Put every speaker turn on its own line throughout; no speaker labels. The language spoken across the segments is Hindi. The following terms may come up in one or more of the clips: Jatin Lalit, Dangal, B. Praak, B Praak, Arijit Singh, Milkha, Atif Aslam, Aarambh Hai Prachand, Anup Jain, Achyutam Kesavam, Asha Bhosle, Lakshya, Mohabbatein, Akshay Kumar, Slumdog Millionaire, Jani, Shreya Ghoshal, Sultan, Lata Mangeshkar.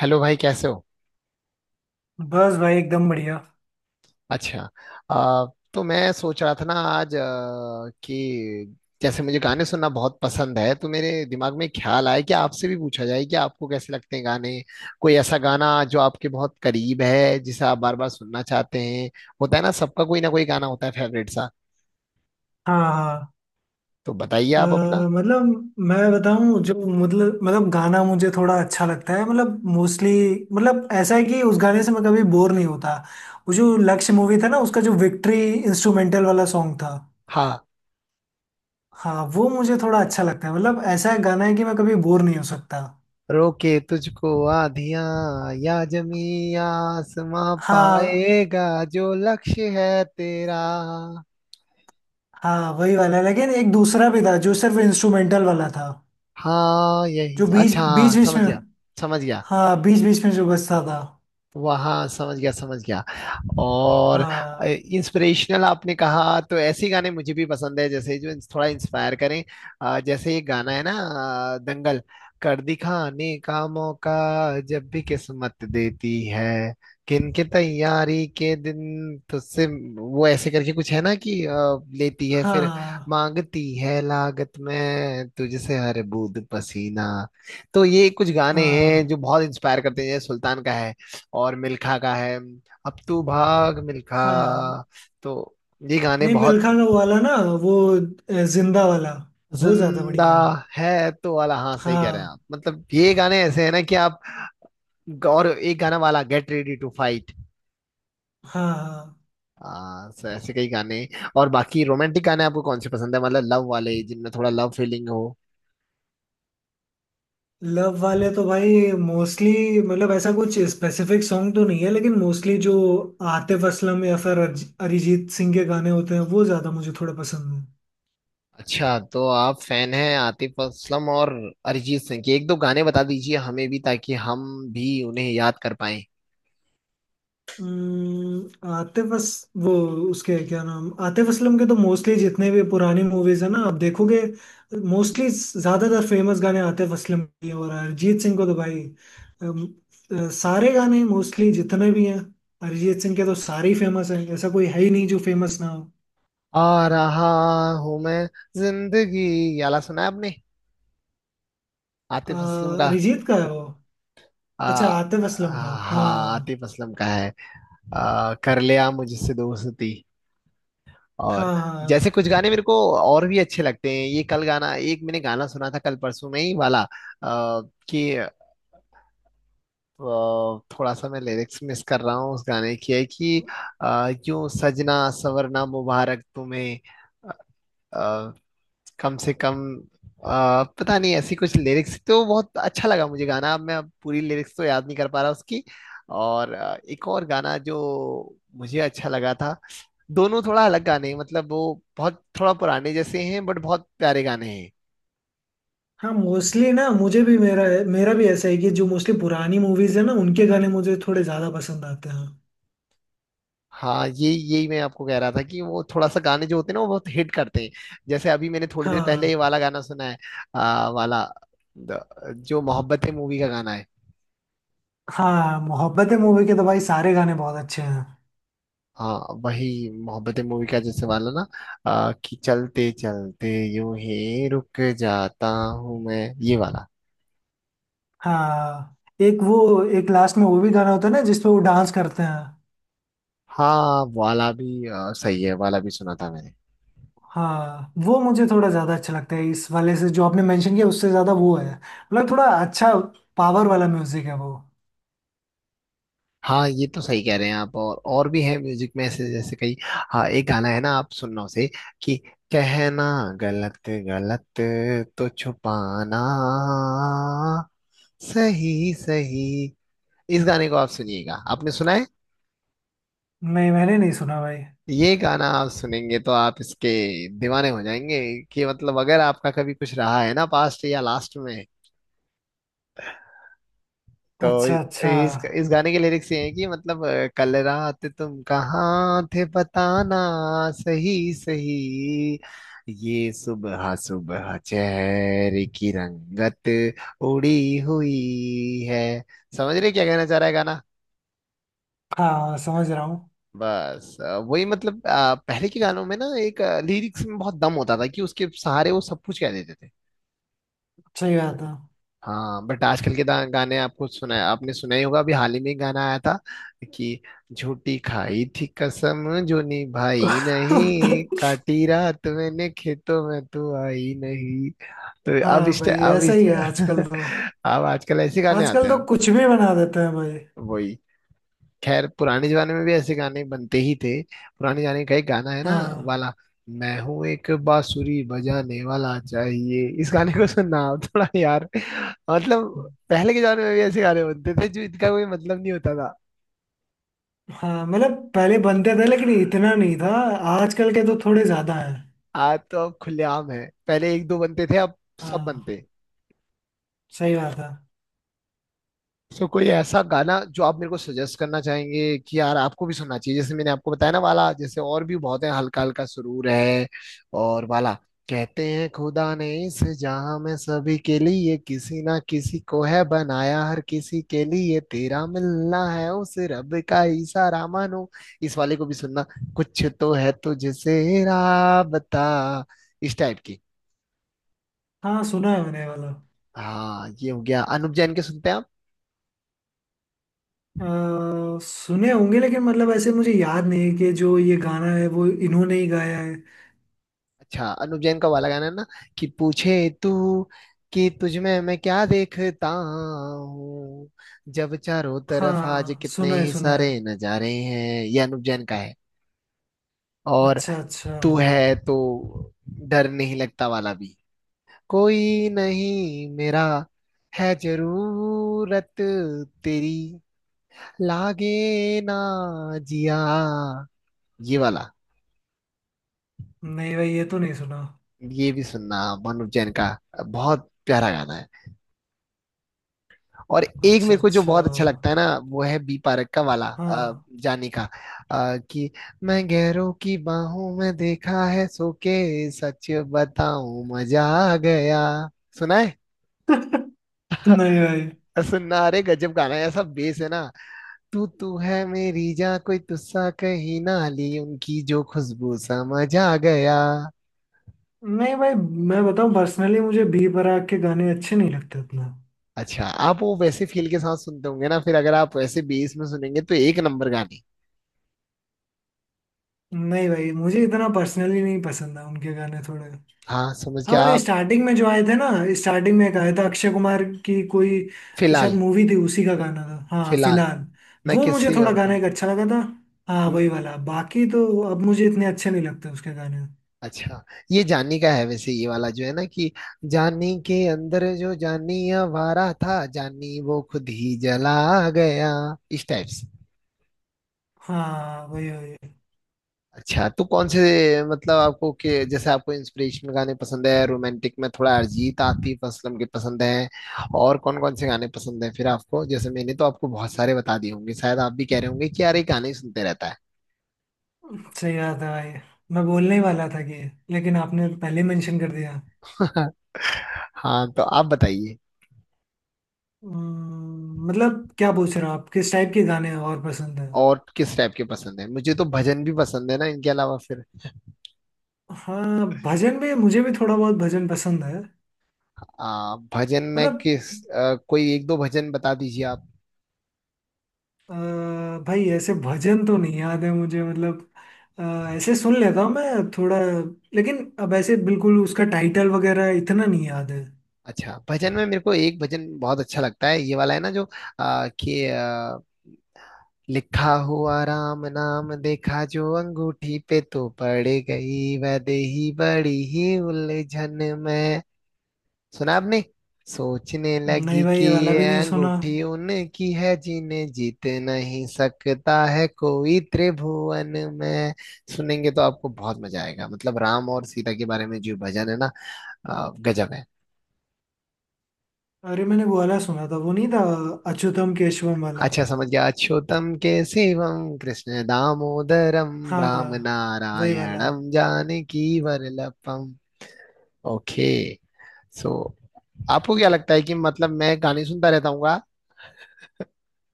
हेलो भाई, कैसे हो।
बस भाई एकदम बढ़िया।
अच्छा। अ, तो मैं सोच रहा था ना आज कि जैसे मुझे गाने सुनना बहुत पसंद है, तो मेरे दिमाग में ख्याल आया कि आपसे भी पूछा जाए कि आपको कैसे लगते हैं गाने। कोई ऐसा गाना जो आपके बहुत करीब है, जिसे आप बार बार सुनना चाहते हैं। होता है ना, सबका कोई ना कोई गाना होता है फेवरेट सा।
हाँ हाँ।
तो बताइए
अ,
आप अपना।
मतलब मैं बताऊं जो, मतलब गाना मुझे थोड़ा अच्छा लगता है, मतलब मोस्टली। मतलब ऐसा है कि उस गाने से मैं कभी बोर नहीं होता। वो जो लक्ष्य मूवी था ना, उसका जो विक्ट्री इंस्ट्रूमेंटल वाला सॉन्ग था,
हाँ।
हाँ वो मुझे थोड़ा अच्छा लगता है। मतलब ऐसा है, गाना है कि मैं कभी बोर नहीं हो सकता।
रोके तुझको आधियां, या जमी आसमां
हाँ
पाएगा जो लक्ष्य है तेरा।
हाँ, वही वाला, लेकिन एक दूसरा भी था जो सिर्फ इंस्ट्रूमेंटल वाला था।
हाँ, यही
जो बीच
अच्छा।
बीच
हाँ,
बीच
समझ
में।
गया, समझ गया।
हाँ, बीच बीच में जो बजता था।
वहाँ, समझ गया, समझ गया। और,
हाँ।
इंस्पिरेशनल आपने कहा, तो ऐसे गाने मुझे भी पसंद है, जैसे जो थोड़ा इंस्पायर करें। जैसे ये गाना है ना, दंगल। कर दिखाने का मौका जब भी किस्मत देती है, किनके तैयारी के दिन तुझसे। वो ऐसे करके कुछ है ना कि लेती है फिर,
हाँ।
मांगती है लागत में तुझसे हर बूंद पसीना। तो ये कुछ गाने हैं
हाँ।
जो बहुत इंस्पायर करते हैं, जैसे सुल्तान का है, और मिल्खा का है। अब तू भाग मिल्खा।
हाँ,
तो ये गाने
नहीं,
बहुत।
मिल्खा का वाला ना, वो जिंदा वाला, वो ज्यादा
जिंदा
बढ़िया है।
है तो वाला, हाँ सही कह रहे हैं
हाँ।
आप, मतलब ये गाने ऐसे हैं ना कि आप। और एक गाना वाला, गेट रेडी टू फाइट।
हाँ। हाँ,
So ऐसे कई गाने। और बाकी रोमांटिक गाने आपको कौन से पसंद है? मतलब लव वाले, जिनमें थोड़ा लव फीलिंग हो।
लव वाले तो भाई मोस्टली, मतलब ऐसा कुछ स्पेसिफिक सॉन्ग तो नहीं है, लेकिन मोस्टली जो आतिफ असलम या फिर अरिजीत सिंह के गाने होते हैं वो ज्यादा मुझे थोड़ा पसंद है।
अच्छा, तो आप फैन हैं आतिफ असलम और अरिजीत सिंह के। एक दो गाने बता दीजिए हमें भी, ताकि हम भी उन्हें याद कर पाए।
आतिफ अस, वो, उसके क्या नाम, आतिफ असलम के तो मोस्टली जितने भी पुरानी मूवीज है ना आप देखोगे, मोस्टली ज्यादातर फेमस गाने आतिफ असलम के हैं। और अरिजीत सिंह को तो भाई अम, सारे गाने मोस्टली जितने भी हैं, अरिजीत सिंह के तो सारे ही फेमस हैं, ऐसा कोई है ही नहीं जो फेमस ना हो।
आ रहा हूं मैं, जिंदगी, ये वाला सुना है आपने?
अ,
आतिफ असलम का।
अरिजीत का है वो।
आ,
अच्छा, आतिफ असलम का,
आ, हाँ,
हाँ।
आतिफ असलम का है। कर लिया मुझसे दोस्ती। और
हाँ हाँ।
जैसे कुछ गाने मेरे को और भी अच्छे लगते हैं, ये कल गाना एक मैंने गाना सुना था कल परसों में ही वाला, कि थोड़ा सा मैं लिरिक्स मिस कर रहा हूँ उस गाने की, है कि यूं सजना सवरना मुबारक तुम्हें, कम से कम, पता नहीं, ऐसी कुछ लिरिक्स, तो बहुत अच्छा लगा मुझे गाना। अब मैं अब पूरी लिरिक्स तो याद नहीं कर पा रहा उसकी। और एक और गाना जो मुझे अच्छा लगा था। दोनों थोड़ा अलग गाने हैं, मतलब वो बहुत थोड़ा पुराने जैसे हैं, बट बहुत प्यारे गाने हैं।
हाँ मोस्टली ना मुझे भी, मेरा मेरा भी ऐसा है कि जो मोस्टली पुरानी मूवीज है ना उनके गाने मुझे थोड़े ज्यादा पसंद आते हैं।
हाँ, ये यही मैं आपको कह रहा था कि वो थोड़ा सा गाने जो होते हैं ना, वो बहुत हिट करते हैं। जैसे अभी मैंने थोड़ी देर पहले ये
हाँ।
वाला गाना सुना है, वाला, द- जो मोहब्बतें मूवी का गाना है।
हाँ, मोहब्बतें मूवी के तो भाई सारे गाने बहुत अच्छे हैं।
हाँ, वही मोहब्बतें मूवी का, जैसे वाला ना कि चलते चलते यूं ही रुक जाता हूँ मैं, ये वाला।
हाँ, एक वो एक लास्ट में वो भी गाना होता है ना जिसपे वो डांस करते हैं।
हाँ वाला भी सही है, वाला भी सुना था मैंने।
हाँ वो मुझे थोड़ा ज्यादा अच्छा लगता है, इस वाले से जो आपने मेंशन किया उससे ज्यादा वो है, मतलब थोड़ा अच्छा पावर वाला म्यूजिक है वो।
हाँ, ये तो सही कह रहे हैं आप। और भी है म्यूजिक में ऐसे, जैसे कई। हाँ, एक गाना है ना, आप सुनना उसे, कि कहना गलत गलत तो छुपाना सही सही। इस गाने को आप सुनिएगा। आपने सुना है?
नहीं, मैंने नहीं सुना भाई।
ये गाना आप सुनेंगे तो आप इसके दीवाने हो जाएंगे। कि मतलब अगर आपका कभी कुछ रहा है ना पास्ट या लास्ट में, तो
अच्छा
इस
अच्छा।
इस इस गाने के लिरिक्स ये हैं कि मतलब कल रात तुम कहाँ थे, बताना सही सही। ये सुबह सुबह चेहरे की रंगत उड़ी हुई है। समझ रहे क्या कहना चाह रहा है गाना?
हाँ समझ रहा हूँ।
बस वही, मतलब पहले के गानों में ना एक लिरिक्स में बहुत दम होता था कि उसके सहारे वो सब कुछ कह देते थे।
सही बात
हाँ, बट आजकल के गाने, आपको सुना, आपने सुना ही होगा, अभी हाल ही में एक गाना आया था कि झूठी खाई थी कसम जो निभाई
है।
नहीं, काटी रात मैंने खेतों में तू आई नहीं। तो अब
हाँ
इस
भाई
अब
ऐसा
इस
ही है आजकल तो।
अब आजकल ऐसे गाने आते
आजकल
हैं
तो
अब।
कुछ भी बना देते हैं भाई।
वही। खैर, पुराने जमाने में भी ऐसे गाने बनते ही थे। पुराने जमाने का एक गाना है ना,
हाँ।
वाला, मैं हूं एक बांसुरी बजाने वाला। चाहिए इस गाने को सुनना आप थोड़ा यार। मतलब पहले के जमाने में भी ऐसे गाने बनते थे, जो इनका कोई मतलब नहीं होता था।
हाँ मतलब पहले बनते थे लेकिन इतना नहीं था, आजकल के तो थोड़े ज्यादा है।
आज तो अब खुलेआम है, पहले एक दो बनते थे, अब सब
हाँ।
बनते हैं।
सही बात है।
तो कोई ऐसा गाना जो आप मेरे को सजेस्ट करना चाहेंगे कि यार आपको भी सुनना चाहिए, जैसे मैंने आपको बताया ना वाला, जैसे और भी बहुत है, हल्का हल्का सुरूर है। और वाला, कहते हैं खुदा ने इस जहां में सभी के लिए किसी ना किसी को है बनाया, हर किसी के लिए तेरा मिलना है उस रब का इशारा मानो। इस वाले को भी सुनना, कुछ तो है तुझसे राबता, इस टाइप की।
हाँ सुना है मैंने ये वाला।
हाँ, ये हो गया, अनुप जैन के सुनते हैं।
सुने होंगे, लेकिन मतलब ऐसे मुझे याद नहीं है कि जो ये गाना है वो इन्होंने ही गाया है।
अच्छा, अनुप जैन का वाला गाना है ना, कि पूछे तू कि तुझ में मैं क्या देखता हूँ, जब चारों तरफ आज
हाँ
कितने
सुना है,
ही
सुना है।
सारे नजारे हैं। ये अनुप जैन का है। और,
अच्छा अच्छा।
तू है तो डर नहीं लगता वाला भी, कोई नहीं मेरा, है जरूरत तेरी, लागे ना जिया, ये वाला।
नहीं भाई, ये तो नहीं सुना।
ये भी सुनना, अनुप जैन का, बहुत प्यारा गाना है। और एक
अच्छा
मेरे को जो
अच्छा।
बहुत अच्छा लगता है ना, वो है बी पारक का वाला
हाँ।
जाने का, कि मैं गैरों की बाहों में देखा है सो के। सच बताऊं, मजा आ गया। सुना है?
नहीं भाई।
और सुनना, अरे गजब गाना है, ऐसा बेस है ना। तू तू है मेरी जान, कोई तुस्सा कहीं ना, ली उनकी जो खुशबू, समझ आ गया।
नहीं भाई, मैं बताऊं, पर्सनली मुझे बी बराक के गाने अच्छे नहीं लगते उतना।
अच्छा, आप वो वैसे फील के साथ सुनते होंगे ना, फिर अगर आप वैसे बेस में सुनेंगे तो एक नंबर गाने।
नहीं भाई, मुझे इतना पर्सनली नहीं पसंद है उनके गाने थोड़े।
हाँ, समझ
हाँ
के
मतलब
आप।
स्टार्टिंग में जो आए थे ना, स्टार्टिंग में एक आया था अक्षय कुमार की कोई शायद
फिलहाल,
मूवी थी, उसी का गाना था, हाँ,
फिलहाल
फिलहाल।
मैं
वो मुझे
किसी
थोड़ा
और का
गाना एक
हूँ।
अच्छा लगा था। हाँ
हम्म,
वही वाला, बाकी तो अब मुझे इतने अच्छे नहीं लगते उसके गाने।
अच्छा, ये जानी का है वैसे, ये वाला जो है ना कि जानी के अंदर जो जानी आवारा था, जानी वो खुद ही जला गया, इस टाइप से।
हाँ वही वही।
अच्छा, तो कौन से, मतलब आपको, के जैसे आपको इंस्पिरेशनल गाने पसंद है, रोमांटिक में थोड़ा अरिजीत आतिफ असलम के पसंद है, और कौन कौन से गाने पसंद है फिर आपको? जैसे मैंने तो आपको बहुत सारे बता दिए होंगे, शायद आप भी कह रहे होंगे कि यार ये गाने ही सुनते रहता है।
सही बात है भाई, मैं बोलने ही वाला था कि, लेकिन आपने पहले मेंशन कर दिया।
हाँ, तो आप बताइए।
मतलब क्या पूछ रहे हो आप, किस टाइप के गाने और पसंद है?
और किस टाइप के पसंद है? मुझे तो भजन भी पसंद है ना इनके अलावा फिर।
हाँ, भजन में मुझे भी थोड़ा बहुत भजन पसंद है।
भजन में
मतलब
किस, कोई एक दो भजन बता दीजिए आप।
अ, भाई ऐसे भजन तो नहीं याद है मुझे, मतलब अ, ऐसे सुन लेता हूँ मैं थोड़ा, लेकिन अब ऐसे बिल्कुल उसका टाइटल वगैरह इतना नहीं याद है।
अच्छा, भजन में मेरे को एक भजन बहुत अच्छा लगता है, ये वाला है ना जो कि लिखा हुआ राम नाम, देखा जो अंगूठी पे तो पड़ गई वैदेही बड़ी ही उलझन में। सुना आपने? सोचने
नहीं
लगी
भाई,
कि
ये वाला
ये
भी नहीं सुना।
अंगूठी उनकी है, जिन्हें जीत नहीं सकता है कोई त्रिभुवन में। सुनेंगे तो आपको बहुत मजा आएगा, मतलब राम और सीता के बारे में जो भजन है ना, गजब है।
अरे, मैंने वो वाला सुना था, वो नहीं था अच्युतम केशवम वाला?
अच्छा, समझ गया। अच्युतम केशवम कृष्ण दामोदरम, राम
हाँ वही वाला।
नारायणम जानकी वरलपम। ओके। सो, आपको क्या लगता है कि मतलब मैं गाने सुनता रहता हूँ, हाँ?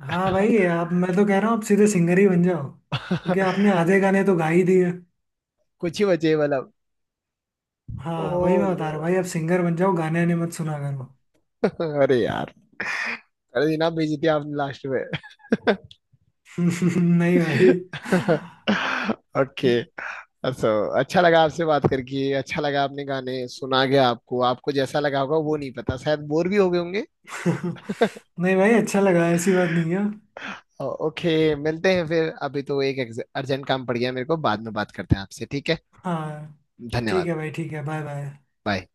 हाँ भाई, आप, मैं तो कह रहा हूँ आप सीधे सिंगर ही बन जाओ, क्योंकि आपने आधे गाने तो गा ही दिए।
कुछ ही बचे मतलब। ओ
हाँ वही मैं बता
नो,
रहा हूँ भाई, आप सिंगर बन जाओ, गाने आने मत सुना करो।
अरे यार, अरे ये ना भेजी थी आपने लास्ट में।
नहीं भाई।
ओके। सो, अच्छा लगा आपसे बात करके, अच्छा लगा आपने गाने सुना, गया आपको आपको जैसा लगा होगा वो नहीं पता, शायद बोर भी हो गए होंगे।
नहीं भाई, अच्छा लगा, ऐसी बात नहीं है।
ओके, मिलते हैं फिर। अभी तो एक अर्जेंट काम पड़ गया मेरे को, बाद में बात करते हैं आपसे, ठीक है।
हाँ ठीक
धन्यवाद।
है भाई, ठीक है, बाय बाय।
बाय।